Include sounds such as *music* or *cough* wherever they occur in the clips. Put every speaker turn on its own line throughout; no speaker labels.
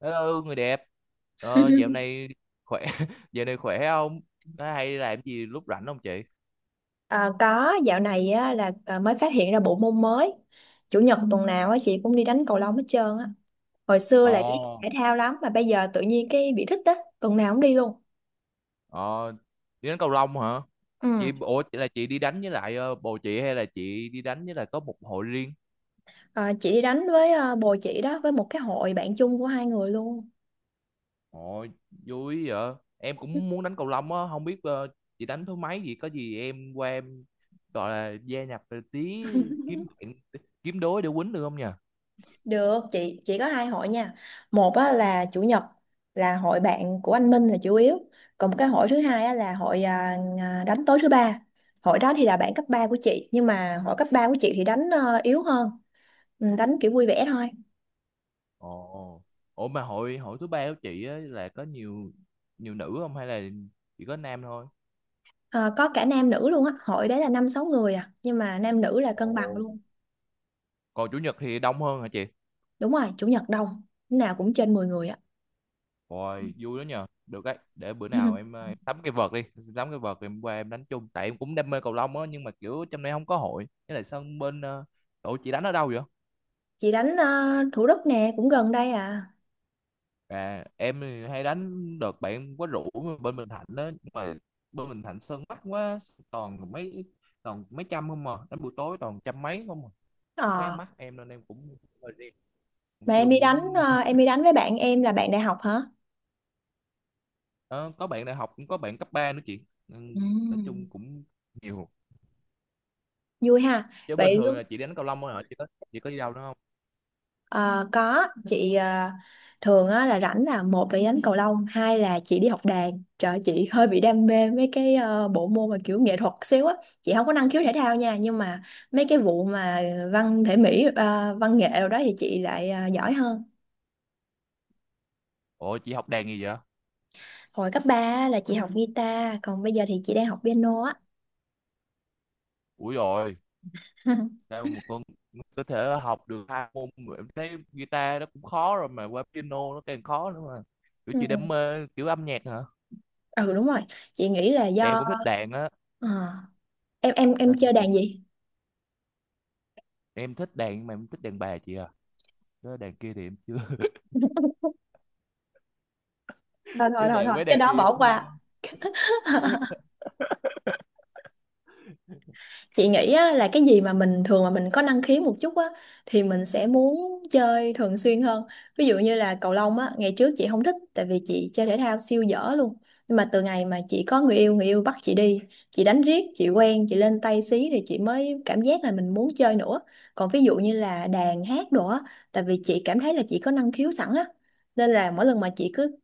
Hello người đẹp, dạo này khỏe *laughs* dạo này khỏe không? Có hay làm gì lúc rảnh không chị?
À, có dạo này á, là mới phát hiện ra bộ môn mới. Chủ nhật tuần nào á, chị cũng đi đánh cầu lông hết trơn á. Hồi xưa là chị thích
Ồ.
thể thao lắm mà bây giờ tự nhiên cái bị thích á. Tuần nào cũng đi luôn.
Ờ. Đi đánh cầu lông hả?
Ừ.
Chị, ủa là chị đi đánh với lại bồ chị, hay là chị đi đánh với lại có một hội riêng?
À, chị đi đánh với bồ chị đó với một cái hội bạn chung của hai người luôn.
Ồ, vui vậy. Em cũng muốn đánh cầu lông á, không biết chị đánh thứ mấy vậy? Có gì em qua em gọi là gia nhập tí, kiếm bạn, kiếm đối để quýnh được không nhỉ?
Được Chị có hai hội nha. Một á, là chủ nhật, là hội bạn của anh Minh là chủ yếu. Còn một cái hội thứ hai á, là hội đánh tối thứ ba. Hội đó thì là bạn cấp 3 của chị, nhưng mà hội cấp 3 của chị thì đánh yếu hơn. Ừ, đánh kiểu vui vẻ thôi.
Ồ. Ủa mà hội hội thứ ba của chị á là có nhiều nhiều nữ không, hay là chỉ có nam thôi?
Ờ, có cả nam nữ luôn á, hội đấy là 5-6 người à, nhưng mà nam nữ là
Ồ.
cân bằng luôn.
Còn chủ nhật thì đông hơn hả chị?
Đúng rồi, chủ nhật đông, lúc nào cũng trên 10 người á.
Rồi, vui đó nhờ. Được đấy, để bữa nào em,
*laughs*
ờ, em sắm cái vợt đi. Em sắm cái vợt rồi em qua em đánh chung, tại em cũng đam mê cầu lông á, nhưng mà kiểu trong này không có hội. Với lại sân bên. Ờ, ủa chị đánh ở đâu vậy?
Chị đánh Thủ Đức nè, cũng gần đây à.
À, em thì hay đánh đợt bạn em có rủ bên Bình Thạnh đó, nhưng mà bên Bình Thạnh sân mắc quá, toàn mấy toàn mấy trăm không, mà đánh buổi tối toàn trăm mấy không à. Cũng khá
Ờ,
mắc em, nên em cũng hơi rén, cũng
mà em
chưa
đi đánh
muốn. *laughs*
em đi đánh với bạn em là bạn đại học hả.
Ờ, có bạn đại học, cũng có bạn cấp 3 nữa chị,
Ừ.
nên nói chung cũng nhiều.
Vui ha.
Chứ bình
Vậy
thường
lúc...
là chị đánh cầu lông thôi hả, chị có đi đâu nữa không?
Ờ, có chị, thường á, là rảnh là một là đánh cầu lông, hai là chị đi học đàn. Trời ơi, chị hơi bị đam mê mấy cái bộ môn mà kiểu nghệ thuật xíu á. Chị không có năng khiếu thể thao nha, nhưng mà mấy cái vụ mà văn thể mỹ, văn nghệ rồi đó thì chị lại giỏi hơn.
Ủa chị học đàn gì vậy?
Hồi cấp 3 á, là chị học guitar, còn bây giờ thì chị đang học piano á.
Ủi rồi.
*laughs*
Sao mà con có thể học được hai môn, mà em thấy guitar nó cũng khó rồi mà qua piano nó càng khó nữa. Mà kiểu chị đam
Ừ.
mê kiểu âm nhạc hả?
Ừ, đúng rồi. Chị nghĩ là
Em
do
cũng thích đàn á.
ờ, em
Đó sao
chơi
chị?
đàn gì.
Em thích đàn, mà em thích đàn bà chị à. Đó, đàn kia thì em chưa. *laughs*
Thôi thôi
Chứ
thôi
đàn
thôi,
với
cái
đàn kia
đó
em
bỏ
thua.
qua. *laughs* Chị nghĩ á, là cái gì mà mình thường mà mình có năng khiếu một chút á, thì mình sẽ muốn chơi thường xuyên hơn. Ví dụ như là cầu lông á, ngày trước chị không thích tại vì chị chơi thể thao siêu dở luôn. Nhưng mà từ ngày mà chị có người yêu, người yêu bắt chị đi, chị đánh riết chị quen, chị lên tay xí thì chị mới cảm giác là mình muốn chơi nữa. Còn ví dụ như là đàn hát đồ á, tại vì chị cảm thấy là chị có năng khiếu sẵn á, nên là mỗi lần mà chị cứ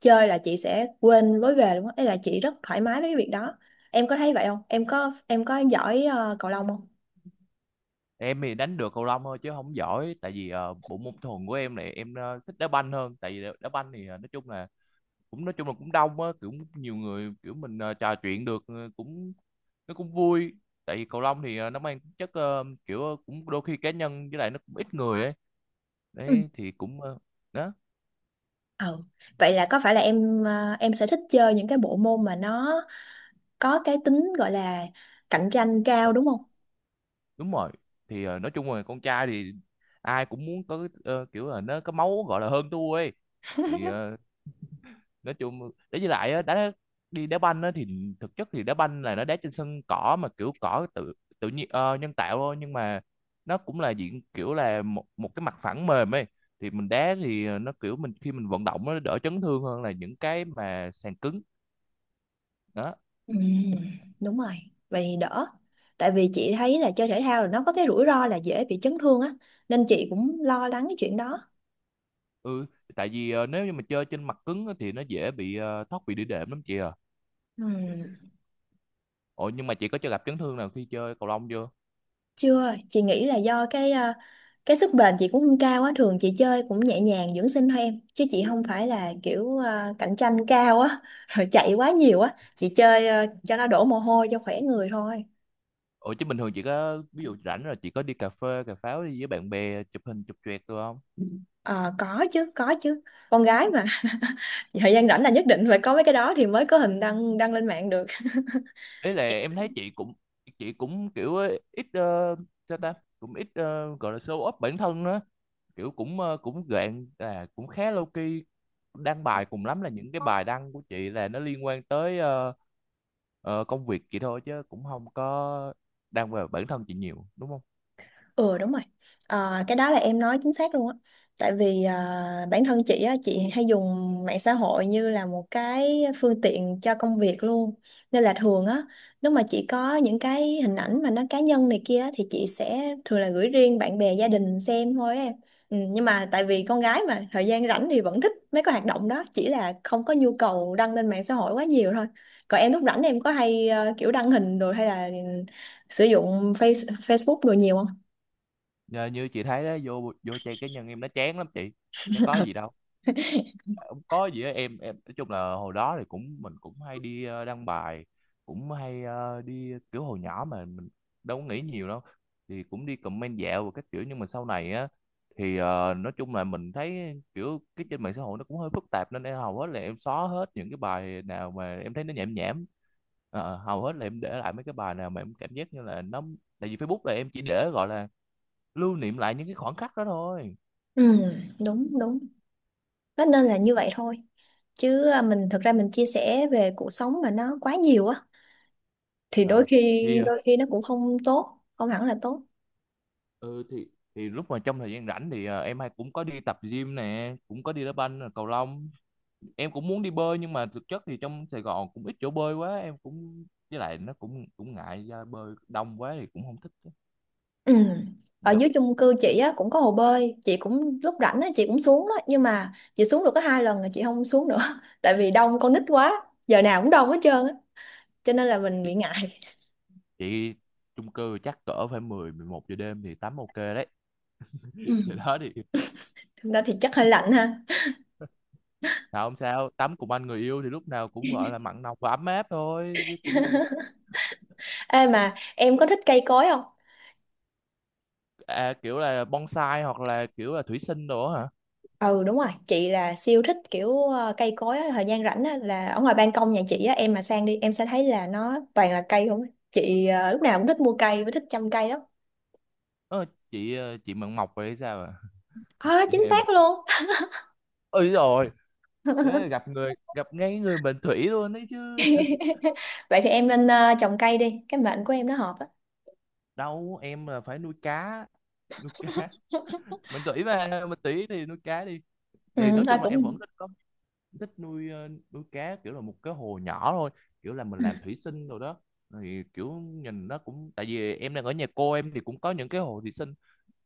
chơi là chị sẽ quên lối về luôn á. Ý là chị rất thoải mái với cái việc đó. Em có thấy vậy không, em có giỏi cầu lông không.
Em thì đánh được cầu lông thôi chứ không giỏi, tại vì bộ môn thuần của em này em thích đá banh hơn, tại vì đá đá banh thì nói chung là cũng nói chung là cũng đông á, kiểu nhiều người, kiểu mình trò chuyện được, cũng nó cũng vui. Tại vì cầu lông thì nó mang tính chất kiểu cũng đôi khi cá nhân, với lại nó cũng ít người ấy,
Ừ.
đấy thì cũng đó.
Ừ, vậy là có phải là em em sẽ thích chơi những cái bộ môn mà nó có cái tính gọi là cạnh tranh cao đúng không.
Đúng rồi, thì nói chung là con trai thì ai cũng muốn có kiểu là nó có máu gọi là hơn thua ấy, thì nói chung đấy, với lại á, đi đá banh á thì thực chất thì đá banh là nó đá trên sân cỏ, mà kiểu cỏ tự tự nhiên, nhân tạo thôi, nhưng mà nó cũng là diện kiểu là một một cái mặt phẳng mềm ấy, thì mình đá thì nó kiểu mình khi mình vận động nó đỡ chấn thương hơn là những cái mà sàn cứng đó.
Ừ. Đúng rồi, vậy thì đỡ. Tại vì chị thấy là chơi thể thao là nó có cái rủi ro là dễ bị chấn thương á, nên chị cũng lo lắng cái chuyện đó.
Ừ, tại vì nếu như mà chơi trên mặt cứng á thì nó dễ bị thoát bị đĩa đệm lắm chị à.
Ừ.
Ủa nhưng mà chị có cho gặp chấn thương nào khi chơi cầu lông chưa?
Chưa, chị nghĩ là do cái cái sức bền chị cũng không cao á, thường chị chơi cũng nhẹ nhàng dưỡng sinh thôi em, chứ chị không phải là kiểu cạnh tranh cao á, *laughs* rồi chạy quá nhiều á, chị chơi cho nó đổ mồ hôi cho khỏe người thôi.
Ủa chứ bình thường chị có, ví dụ rảnh rồi chị có đi cà phê cà pháo đi với bạn bè, chụp hình chụp choẹt được không?
Ờ, có chứ, có chứ. Con gái mà, *laughs* thời gian rảnh là nhất định phải có mấy cái đó thì mới có hình đăng đăng lên mạng được.
Ý là em thấy chị cũng kiểu ấy, ít sao ta, cũng ít gọi là show off bản thân nữa, kiểu cũng cũng gạn là cũng khá low key, đăng bài cùng lắm là những cái bài đăng của chị là nó liên quan tới công việc chị thôi, chứ cũng không có đăng về bản thân chị nhiều đúng không?
Ừ, đúng rồi. Ờ, cái đó là em nói chính xác luôn á, tại vì bản thân chị á, chị hay dùng mạng xã hội như là một cái phương tiện cho công việc luôn. Nên là thường á, nếu mà chị có những cái hình ảnh mà nó cá nhân này kia á, thì chị sẽ thường là gửi riêng bạn bè gia đình xem thôi á em. Ừ, nhưng mà tại vì con gái mà thời gian rảnh thì vẫn thích mấy cái hoạt động đó, chỉ là không có nhu cầu đăng lên mạng xã hội quá nhiều thôi. Còn em lúc rảnh em có hay kiểu đăng hình rồi hay là sử dụng Facebook đồ nhiều không.
Nhờ, như chị thấy đó, vô vô trang cá nhân em nó chán lắm chị, nó có gì đâu, không có gì á. Em nói chung là hồi đó thì cũng mình cũng hay đi đăng bài, cũng hay đi kiểu hồi nhỏ mà mình đâu có nghĩ nhiều đâu, thì cũng đi comment dạo và các kiểu, nhưng mà sau này á thì nói chung là mình thấy kiểu cái trên mạng xã hội nó cũng hơi phức tạp, nên em hầu hết là em xóa hết những cái bài nào mà em thấy nó nhảm nhảm. Ờ, hầu hết là em để lại mấy cái bài nào mà em cảm giác như là nó, tại vì Facebook là em chỉ để gọi là lưu niệm lại những cái khoảnh khắc đó thôi.
Ừ, đúng đúng. Nó nên là như vậy thôi. Chứ à, mình thực ra mình chia sẻ về cuộc sống mà nó quá nhiều á, thì đôi
Ờ.
khi
Thì
đôi khi nó cũng không tốt, không hẳn là tốt.
ừ thì lúc mà trong thời gian rảnh thì à, em hay cũng có đi tập gym nè, cũng có đi đá banh, cầu lông. Em cũng muốn đi bơi, nhưng mà thực chất thì trong Sài Gòn cũng ít chỗ bơi quá em cũng, với lại nó cũng cũng ngại, ra bơi đông quá thì cũng không thích.
Ừ. Ở
Dạ.
dưới chung cư chị á cũng có hồ bơi, chị cũng lúc rảnh á chị cũng xuống đó, nhưng mà chị xuống được có 2 lần rồi chị không xuống nữa *laughs* tại vì đông con nít quá, giờ nào cũng đông hết trơn á, cho nên là mình
chị,
bị ngại.
chị chung cư chắc cỡ phải mười, mười một giờ đêm thì tắm ok đấy.
Ừ.
*laughs* vậy đó thì
Thực ra thì chắc hơi lạnh ha.
sao không, sao tắm cùng anh người yêu thì lúc nào cũng gọi là mặn nồng và ấm áp thôi, chứ cũng không là.
Ê mà em có thích cây cối không?
À, kiểu là bonsai hoặc là kiểu là thủy sinh đồ á hả?
Ừ, đúng rồi, chị là siêu thích kiểu cây cối á, thời gian rảnh á, là ở ngoài ban công nhà chị á, em mà sang đi em sẽ thấy là nó toàn là cây không á. Chị lúc nào cũng thích mua cây và thích chăm cây lắm.
Ờ, chị ờ, chị mận mọc vậy sao à?
À,
Chị.
chính xác luôn.
Ừ rồi. Thế là
*laughs*
gặp người gặp ngay người mệnh thủy luôn đấy chứ.
Vậy thì em nên trồng cây đi, cái mệnh của em nó hợp á.
Đâu em là phải nuôi cá, nuôi cá
*laughs*
mệnh thủy mà, mệnh thủy thì nuôi cá đi.
Ừ,
Thì nói
thôi
chung là em vẫn
cũng...
thích có, thích nuôi nuôi cá kiểu là một cái hồ nhỏ thôi, kiểu là mình làm thủy sinh rồi đó, thì kiểu nhìn nó cũng, tại vì em đang ở nhà cô em thì cũng có những cái hồ thủy sinh,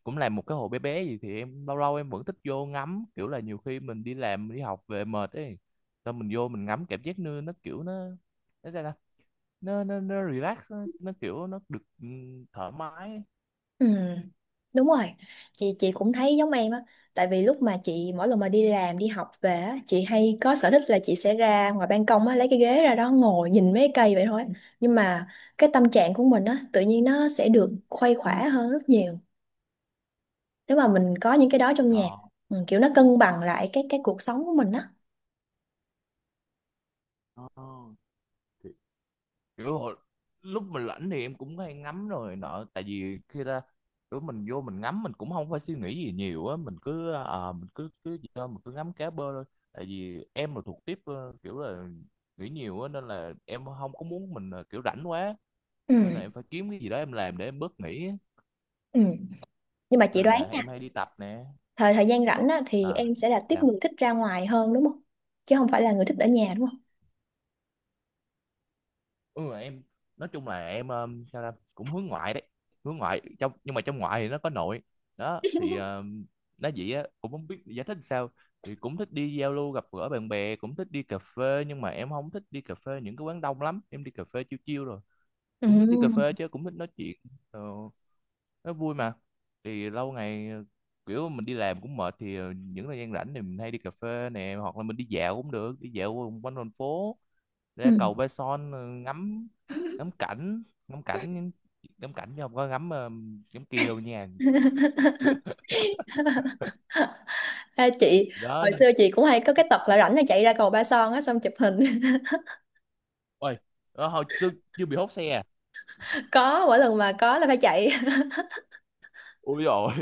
cũng làm một cái hồ bé bé gì thì em lâu lâu em vẫn thích vô ngắm, kiểu là nhiều khi mình đi làm đi học về mệt ấy, xong mình vô mình ngắm cảm giác nơi nó kiểu nó sao ta? Nó relax, nó kiểu nó được, ừ, thoải mái ấy.
Ừ, đúng rồi, chị cũng thấy giống em á, tại vì lúc mà chị mỗi lần mà đi làm đi học về á, chị hay có sở thích là chị sẽ ra ngoài ban công á lấy cái ghế ra đó ngồi nhìn mấy cây vậy thôi. Nhưng mà cái tâm trạng của mình á tự nhiên nó sẽ được khuây khỏa hơn rất nhiều nếu mà mình có những cái đó trong nhà.
Ờ.
Ừ, kiểu nó cân bằng lại cái cuộc sống của mình á.
Ờ, thì kiểu lúc mình rảnh thì em cũng hay ngắm rồi nọ, tại vì khi ra, kiểu mình vô mình ngắm mình cũng không phải suy nghĩ gì nhiều á, mình cứ à, mình cứ cứ gì đó, mình cứ ngắm cá bơi thôi. Tại vì em là thuộc tiếp kiểu là nghĩ nhiều á, nên là em không có muốn mình là kiểu rảnh quá, nên là
Ừ,
em phải kiếm cái gì đó em làm để em bớt nghĩ á.
ừ. Nhưng mà chị
Nên
đoán
là
nha,
em hay đi tập nè.
thời thời gian rảnh á thì
À
em sẽ là tiếp
sao.
người thích ra ngoài hơn đúng không, chứ không phải là người thích ở nhà đúng không.
Ừ em nói chung là em sao ta cũng hướng ngoại đấy, hướng ngoại trong nhưng mà trong ngoại thì nó có nội. Đó thì nói vậy á cũng không biết giải thích sao. Thì cũng thích đi giao lưu gặp gỡ bạn bè, cũng thích đi cà phê, nhưng mà em không thích đi cà phê những cái quán đông lắm. Em đi cà phê chill chill rồi cũng thích đi cà phê, chứ cũng thích nói chuyện, ờ, nó vui mà. Thì lâu ngày kiểu mình đi làm cũng mệt, thì những thời gian rảnh thì mình hay đi cà phê nè, hoặc là mình đi dạo cũng được, đi dạo quanh thành phố,
Ừ.
ra cầu Ba Son ngắm, ngắm cảnh, ngắm cảnh, ngắm, cảnh chứ không có ngắm ngắm kia đâu nha.
Ừ. *laughs* Ha, chị
Đó
hồi
nhưng-
xưa chị cũng hay có cái tật là rảnh là chạy ra cầu Ba Son á xong chụp hình. *laughs*
Ôi. Đó, hồi chưa, bị hốt xe à.
Có mỗi lần mà có là phải chạy.
Ui rồi.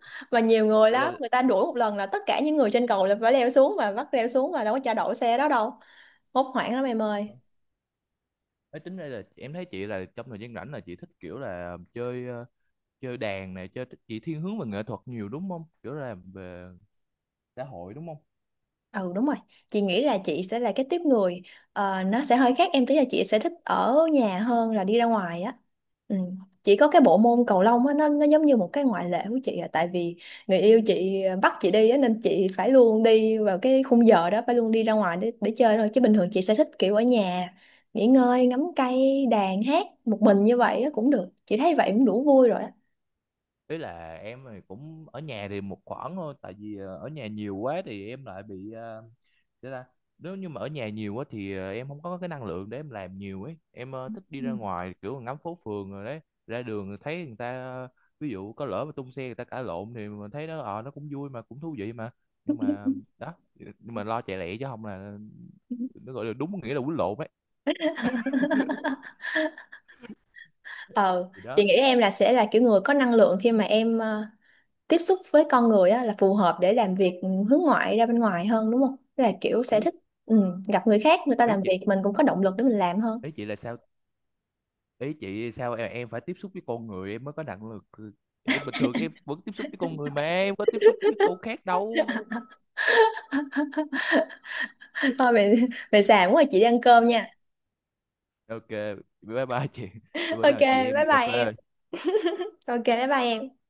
*laughs* Mà nhiều người lắm, người
*laughs*
ta đuổi một lần là tất cả những người trên cầu là phải leo xuống, mà bắt leo xuống mà đâu có cho đậu xe đó đâu. Hốt hoảng lắm em ơi.
Ê, tính đây là em thấy chị là trong thời gian rảnh là chị thích kiểu là chơi chơi đàn này chơi, chị thiên hướng về nghệ thuật nhiều đúng không, kiểu là về xã hội đúng không?
Ừ đúng rồi, chị nghĩ là chị sẽ là cái tiếp người, nó sẽ hơi khác em tí, là chị sẽ thích ở nhà hơn là đi ra ngoài á. Ừ. Chỉ có cái bộ môn cầu lông á nó giống như một cái ngoại lệ của chị à, tại vì người yêu chị bắt chị đi á nên chị phải luôn đi vào cái khung giờ đó, phải luôn đi ra ngoài để chơi thôi, chứ bình thường chị sẽ thích kiểu ở nhà nghỉ ngơi, ngắm cây, đàn hát một mình như vậy á cũng được. Chị thấy vậy cũng đủ vui rồi á.
Ý là em thì cũng ở nhà thì một khoảng thôi, tại vì ở nhà nhiều quá thì em lại bị, thế là nếu như mà ở nhà nhiều quá thì em không có cái năng lượng để em làm nhiều ấy. Em thích đi
Ừ.
ra ngoài kiểu ngắm phố phường rồi đấy, ra đường thấy người ta, ví dụ có lỡ mà tung xe người ta cãi lộn thì mình thấy nó, nó cũng vui mà cũng thú vị mà, nhưng mà đó. Nhưng mà lo chạy lẹ chứ không là nó gọi là đúng nghĩa là quýnh lộn ấy.
*laughs* Ờ,
Thì đó.
chị nghĩ em là sẽ là kiểu người có năng lượng khi mà em tiếp xúc với con người á, là phù hợp để làm việc, ừ, hướng ngoại ra bên ngoài hơn đúng không? Tức là kiểu sẽ
ý
thích, ừ, gặp người khác, người ta
ý
làm
chị,
việc mình cũng có động lực để mình làm hơn.
ý chị là sao, ý chị sao em phải tiếp xúc với con người em mới có năng lực? Em bình thường em vẫn tiếp xúc với con người mà em có tiếp xúc với con khác đâu.
*laughs* Thôi về, về xàm quá, chị đi ăn cơm nha.
Ok, bye bye chị. Bữa
Ok,
nào chị em
bye
mình cà
bye em.
phê.
Ok, bye bye em.